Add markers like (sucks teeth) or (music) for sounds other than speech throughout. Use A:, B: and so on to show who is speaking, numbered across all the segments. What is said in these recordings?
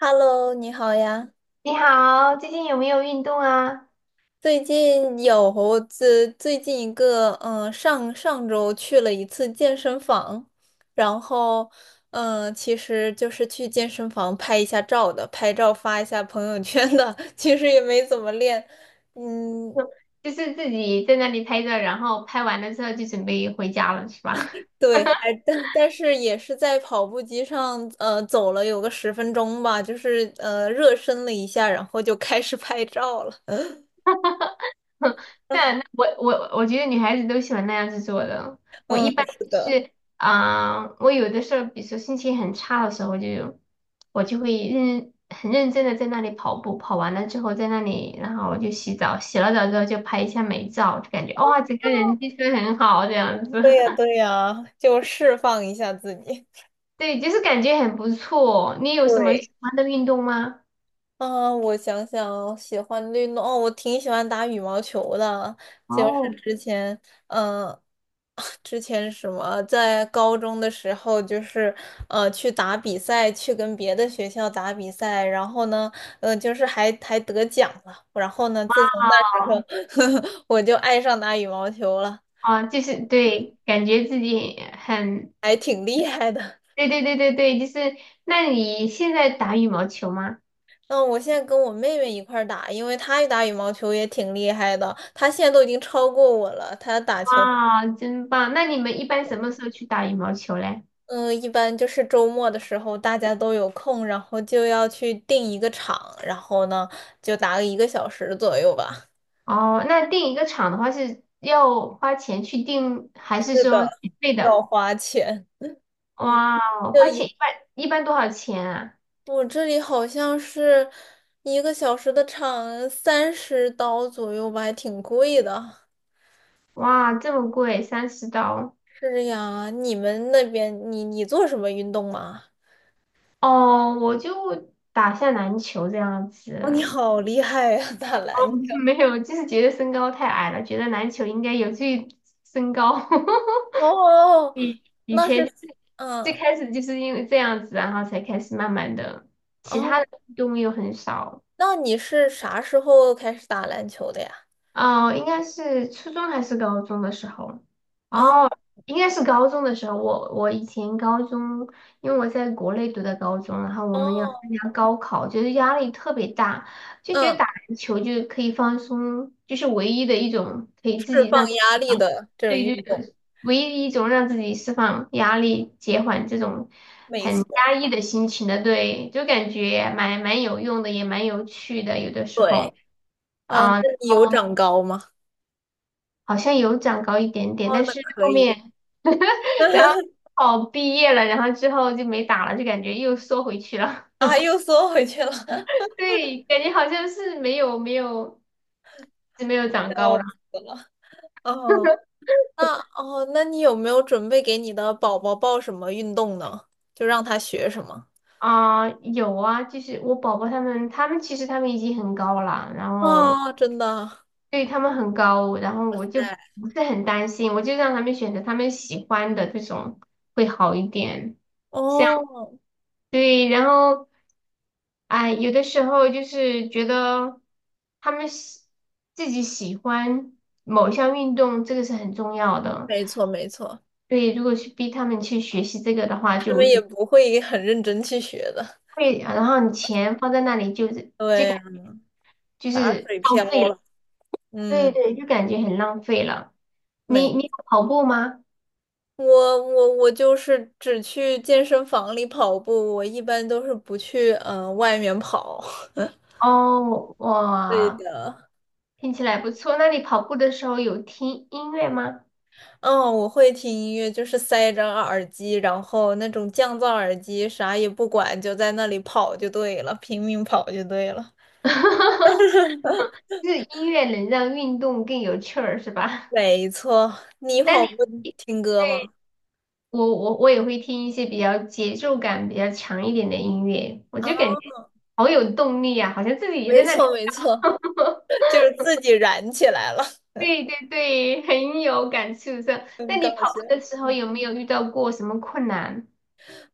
A: Hello，你好呀。
B: 你好，最近有没有运动啊？
A: 最近有最近一个，上上周去了一次健身房，然后，其实就是去健身房拍一下照的，拍照发一下朋友圈的，(laughs) 其实也没怎么练，嗯，
B: 就就是自己在那里拍照，然后拍完了之后就准备回家了，是吧？
A: 对，但是也是在跑步机上，走了有个10分钟吧，就是热身了一下，然后就开始拍照了，
B: (laughs) 那那
A: (laughs)
B: 我我我觉得女孩子都喜欢那样子做的。我一
A: 嗯，
B: 般
A: 是
B: 就
A: 的。
B: 是我有的时候，比如说心情很差的时候就，我就会认很认真的在那里跑步，跑完了之后在那里，然后我就洗澡，洗了澡之后就拍一下美照，就感觉哇，整个人精神很好这样子。
A: 对呀，对呀，就释放一下自己。
B: 对，就是感觉很不错。你有什么
A: 对，
B: 喜欢的运动吗？
A: 啊，我想想，喜欢的运动哦，我挺喜欢打羽毛球的，就是
B: 哦，
A: 之前，嗯、(laughs) (sucks teeth) 之前什么，在高中的时候，就是去打比赛，去跟别的学校打比赛，然后呢，就是还得奖了，然后呢，自从那时候，(laughs) 我就爱上打羽毛球了，
B: 啊，就是对，感觉自己很，
A: 还挺厉害的。
B: 对对对对对，就是。那你现在打羽毛球吗？
A: 嗯，我现在跟我妹妹一块儿打，因为她打羽毛球也挺厉害的，她现在都已经超过我了。她打球，
B: 哇，真棒。那你们一般什么时候去打羽毛球嘞？
A: 嗯，一般就是周末的时候大家都有空，然后就要去定一个场，然后呢就打个一个小时左右吧，
B: 哦，那订一个场的话是要花钱去订，还是说免费
A: 要
B: 的？
A: 花钱。(laughs) 嗯，
B: 哇，
A: 就
B: 花钱
A: 一
B: 一般一般多少钱啊？
A: 我这里好像是一个小时的场30刀左右吧，还挺贵的。
B: 哇，这么贵，30刀。
A: 是呀，你们那边你做什么运动吗？
B: 哦，我就打下篮球这样
A: 哦，你
B: 子。
A: 好厉害呀，打篮球。
B: (laughs) 没有，就是觉得身高太矮了，觉得篮球应该有助于身高。(laughs)
A: 哦，
B: 以以
A: 那是，
B: 前最
A: 嗯，
B: 开始就是因为这样子，然后才开始慢慢的，其
A: 哦，
B: 他的运动又很少。
A: 那你是啥时候开始打篮球的呀？
B: 哦，应该是初中还是高中的时候？
A: 啊，
B: 哦，应该是高中的时候。我以前高中，因为我在国内读的高中，然后我们要参
A: 哦，
B: 加高考，就是压力特别大，就觉得
A: 嗯，
B: 打篮球就可以放松，就是唯一的一种可以自
A: 释
B: 己让
A: 放
B: 自
A: 压
B: 己
A: 力
B: 放，
A: 的这种运
B: 对，就
A: 动，
B: 是唯一一种让自己释放压力、减缓这种
A: 没
B: 很
A: 错，
B: 压抑的心情的，对，就感觉蛮有用的，也蛮有趣的，有的时
A: 对，
B: 候。
A: 啊，那
B: 啊、
A: 你有长高吗？
B: 好像有长高一点点，
A: 哦，
B: 但
A: 那
B: 是
A: 可
B: 后
A: 以，
B: 面 (laughs) 然后
A: (laughs)
B: 哦毕业了，然后之后就没打了，就感觉又缩回去了。
A: 啊，又缩回去了，
B: (laughs) 对，感觉好像是没有是没有长高
A: 笑
B: 了
A: 死了。哦，那你有没有准备给你的宝宝报什么运动呢？就让他学什么？
B: 啊、有啊，就是我宝宝他们其实他们已经很高了，然后
A: 哦，真的，
B: 对他们很高，然后我
A: 对，
B: 就不是很担心，我就让他们选择他们喜欢的这种会好一点。像
A: 哦。
B: 对，然后。哎，有的时候就是觉得他们喜自己喜欢某项运动，这个是很重要的。
A: 没错没错，
B: 对，如果去逼他们去学习这个的话，
A: 他
B: 就我
A: 们
B: 觉
A: 也
B: 得
A: 不会很认真去学的。
B: 会，然后你钱放在那里就是就
A: 对
B: 感
A: 呀，
B: 就
A: 打
B: 是
A: 水
B: 浪
A: 漂
B: 费了。
A: 了。
B: 对
A: 嗯，
B: 对，就感觉很浪费了。
A: 没，
B: 你有跑步吗？
A: 我我就是只去健身房里跑步，我一般都是不去外面跑。(laughs)
B: 哦，
A: 对
B: 哇，
A: 的，
B: 听起来不错。那你跑步的时候有听音乐吗？
A: 嗯，我会听音乐，就是塞着耳机，然后那种降噪耳机，啥也不管，就在那里跑就对了，拼命跑就对了。
B: (laughs) 就是音乐能让运动更有趣儿，是吧？
A: 没错，你
B: (laughs) 那
A: 跑
B: 你
A: 步听歌吗？
B: 对我也会听一些比较节奏感比较强一点的音乐，我
A: 啊，
B: 就感觉好有动力啊，好像自己也
A: 没
B: 在那里。
A: 错没错，
B: (laughs)
A: (laughs) 就是自己燃起来了。
B: 对对对，很有感触的。那
A: 很搞
B: 你跑
A: 笑。
B: 步的时候
A: 嗯，
B: 有没有遇到过什么困难？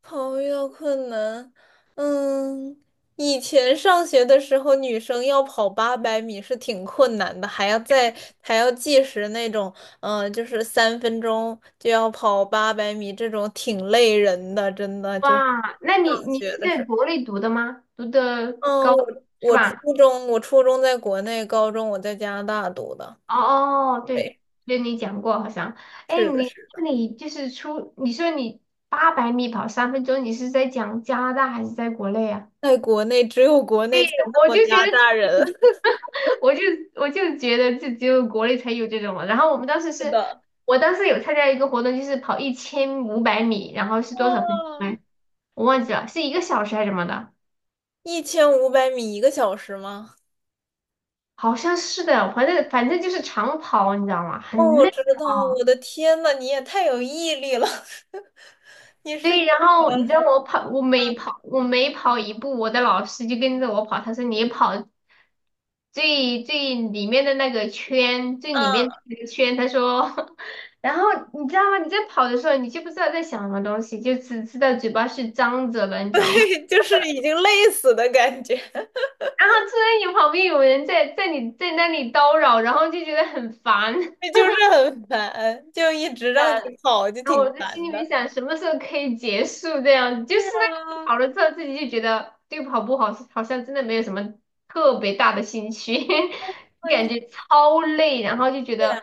A: 朋友遇到困难，嗯，以前上学的时候，女生要跑八百米是挺困难的，还要计时那种，就是3分钟就要跑八百米，这种挺累人的，真的就是
B: 哇，那你
A: 上
B: 你
A: 学
B: 是
A: 的时
B: 在
A: 候。
B: 国内读的吗？读的
A: 嗯，
B: 高
A: 我
B: 是
A: 我初
B: 吧？
A: 我初中在国内，高中我在加拿大读的。
B: 哦，哦，对，
A: 对，
B: 对你讲过好像，哎，
A: 是的，
B: 你
A: 是
B: 那
A: 的，
B: 你就是出，你说你800米跑3分钟，你是在讲加拿大还是在国内啊？
A: 在国内只有国内才
B: (laughs)
A: 那
B: 我
A: 么
B: 就
A: 压
B: 觉得
A: 榨人。
B: 这
A: (laughs)
B: (laughs) 我就我就觉得这只有国内才有这种了。然后我们当时
A: 是
B: 是，
A: 的。
B: 我当时有参加一个活动，就是跑一千五百米，然后是多少分钟
A: 哇，
B: 来我忘记了，是一个小时还是什么的？
A: 一千五百米一个小时吗？
B: 好像是的，反正就是长跑，你知道吗？
A: 哦，
B: 很
A: 我
B: 累。
A: 知道，我的天呐，你也太有毅力了！(laughs) 你是
B: 对，然后你知道我跑，我每跑，我每跑一步，我的老师就跟着我跑。他说你跑最里面的那个圈，最里面
A: 啊，
B: 的那个圈。他说，(laughs) 然后你知道吗？你在跑的时候，你就不知道在想什么东西，就只知道嘴巴是张着的，你
A: (laughs)
B: 知道吗？
A: 对，
B: (laughs)
A: 就是已经累死的感觉，
B: 然后突然有旁边有人在你在那里叨扰，然后就觉得很烦。(laughs)
A: (laughs) 就是很烦，就一直让你跑，就
B: 然后
A: 挺
B: 我在心
A: 烦
B: 里
A: 的。
B: 面想，什么时候可以结束这样子？
A: 是
B: 就是那个
A: 啊，
B: 跑了之后，自己就觉得对跑步好，好像真的没有什么特别大的兴趣，(laughs)
A: 啊
B: 感
A: 你
B: 觉超累，然后就觉
A: 对啊，
B: 得，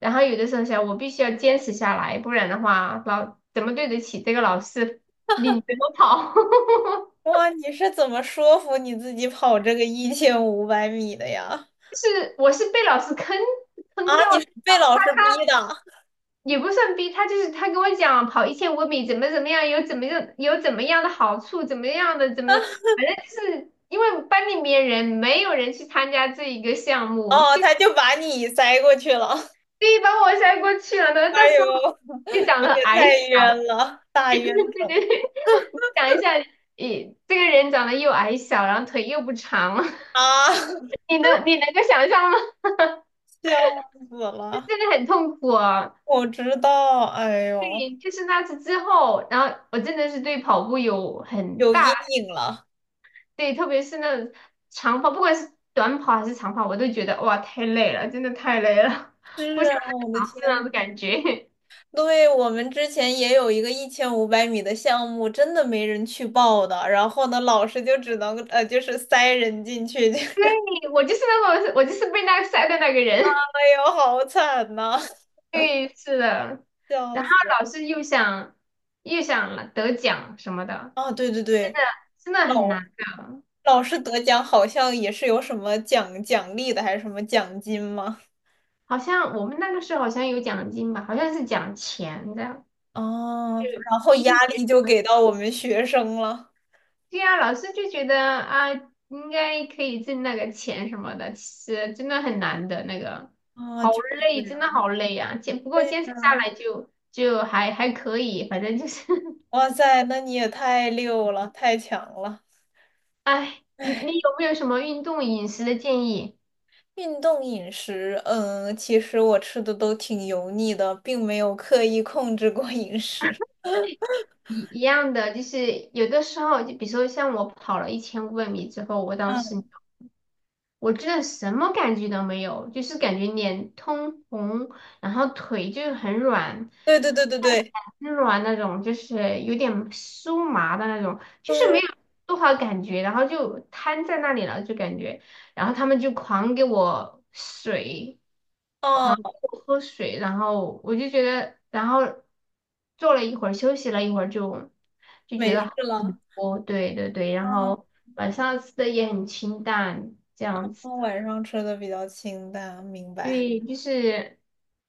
B: 然后有的时候想，我必须要坚持下来，不然的话，老怎么对得起这个老师领着我跑？(laughs)
A: 哇，你是怎么说服你自己跑这个一千五百米的呀？
B: 就是我是被老师坑
A: 啊，
B: 掉
A: 你
B: 的，
A: 是
B: 然
A: 被
B: 后
A: 老师逼的？
B: 也不算逼他，就是他跟我讲跑1500米怎么怎么样，有怎么样有怎么样的好处，怎么样的怎么的，反正就是因为班里面人没有人去参加这一个项目，
A: 哦，
B: 就
A: 他就把你塞过去了。(laughs)
B: 所以把我塞过去了呢。那到
A: 哎
B: 时候
A: 呦，
B: 就长
A: 你
B: 得
A: 也
B: 矮
A: 太
B: 小，
A: 冤了，大
B: (laughs)
A: 冤
B: 对对
A: 种
B: 对，想一下，你这个人长得又矮小，然后腿又不长，(laughs)
A: 啊！(laughs)
B: 你能够想象吗？
A: 笑死
B: 就
A: 了！
B: 真的很痛苦啊。
A: 我知道，哎呦，
B: 对，就是那次之后，然后我真的是对跑步有很
A: 有阴
B: 大。
A: 影了。
B: 对，特别是那种长跑，不管是短跑还是长跑，我都觉得哇，太累了，真的太累了，(laughs) 是
A: 是啊，我的
B: 那
A: 天，
B: 种感觉。
A: 对，我们之前也有一个一千五百米的项目，真的没人去报的。然后呢，老师就只能就是塞人进去。(laughs)
B: (laughs) 对我就是那个，我就是被那个晒的那个人。
A: 哎呦，好惨呐、
B: (laughs) 对，是的。
A: 笑
B: 然后
A: 死！
B: 老是又想又想得奖什么的，
A: 啊，对对对，
B: 真的很
A: 老
B: 难的。
A: 老师得奖好像也是有什么奖励的，还是什么奖金吗？
B: 好像我们那个时候好像有奖金吧，好像是奖钱的。
A: 哦，然后压力就给到我们学生了。
B: 对呀，老师就觉得啊，应该可以挣那个钱什么的，其实真的很难的那个，
A: 啊，
B: 好
A: 就是这
B: 累，真的
A: 样。
B: 好累啊。坚不过坚持下来就就还还可以，反正就是
A: 哇塞，那你也太溜了，太强了！
B: 唉 (laughs)，你有没有什么运动饮食的建议？
A: 运动饮食，其实我吃的都挺油腻的，并没有刻意控制过饮食。(laughs)
B: 一样的，就是有的时候，就比如说像我跑了一千五百米之后，我当时
A: 嗯，
B: 我真的什么感觉都没有，就是感觉脸通红，然后腿就是很软。
A: 对对对对对
B: 很软那种，就是有点酥麻的那种，就是没
A: 对，
B: 有多少感觉，然后就瘫在那里了，就感觉，然后他们就狂给我水，狂给
A: 哦，
B: 我喝水，然后我就觉得，然后坐了一会儿，休息了一会儿就，就觉
A: 没
B: 得
A: 事
B: 好
A: 了。
B: 很多，对对对，然
A: 嗯，
B: 后晚上吃的也很清淡，这样子。
A: 我晚上吃的比较清淡，明白。
B: 对，就是，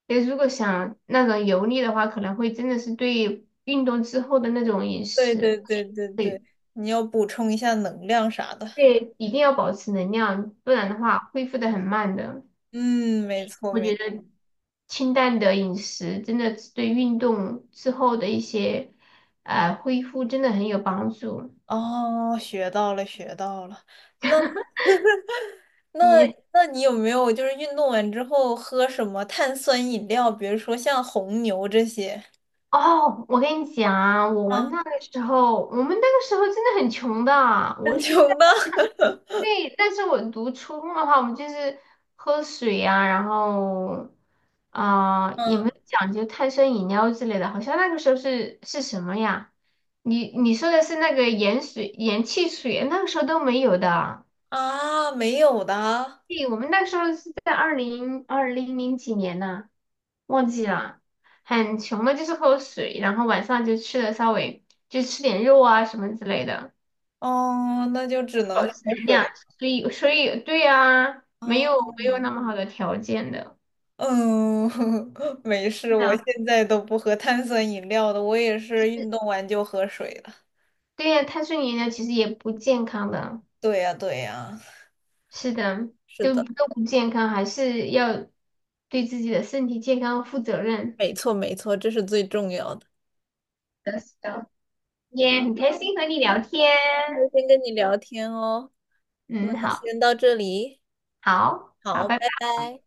B: 如果想那种油腻的话，可能会真的是对运动之后的那种饮
A: 对
B: 食，
A: 对对对对，你要补充一下能量啥的。
B: 对，一定要保持能量，不然的话恢复的很慢的。
A: 嗯，没错
B: 我
A: 没
B: 觉
A: 错。
B: 得清淡的饮食真的是对运动之后的一些，恢复真的很有帮助。
A: 哦，学到了学到了。那 (laughs) 那
B: 你
A: 那你有没有就是运动完之后喝什么碳酸饮料，比如说像红牛这些？
B: 哦，我跟你讲啊，我
A: 啊，
B: 那个时候，我们那个时候真的很穷的啊
A: 很
B: 我
A: 穷
B: 是在，
A: 的。
B: (laughs) 对，但是我读初中的话，我们就是喝水啊，然后啊、也没
A: 嗯
B: 有讲究碳酸饮料之类的，好像那个时候是什么呀？你说的是那个盐水、盐汽水，那个时候都没有的。
A: 啊，没有的。
B: 对，我们那时候是在二零二零零几年呢、忘记了，很穷的，就是喝水，然后晚上就吃的稍微就吃点肉啊什么之类的，
A: 哦，那就只能
B: 保
A: 喝
B: 持能量，
A: 水
B: 所以对呀、没有
A: 啊。
B: 没有那么好的条件的，
A: 嗯，(laughs) 没事，
B: 是
A: 我
B: 的，
A: 现在都不喝碳酸饮料的，我也是运动完就喝水了。
B: 对呀、碳水饮料其实也不健康的，
A: 对呀，对呀，
B: 是的，
A: 是
B: 都
A: 的，
B: 都不健康，还是要对自己的身体健康负责任。
A: 没错，没错，这是最重要的。
B: 是的是的。也很开心和你聊天，
A: 那先跟你聊天哦，那
B: 嗯，好，
A: 先到这里，
B: 好，好，
A: 好，
B: 拜
A: 拜
B: 拜。
A: 拜。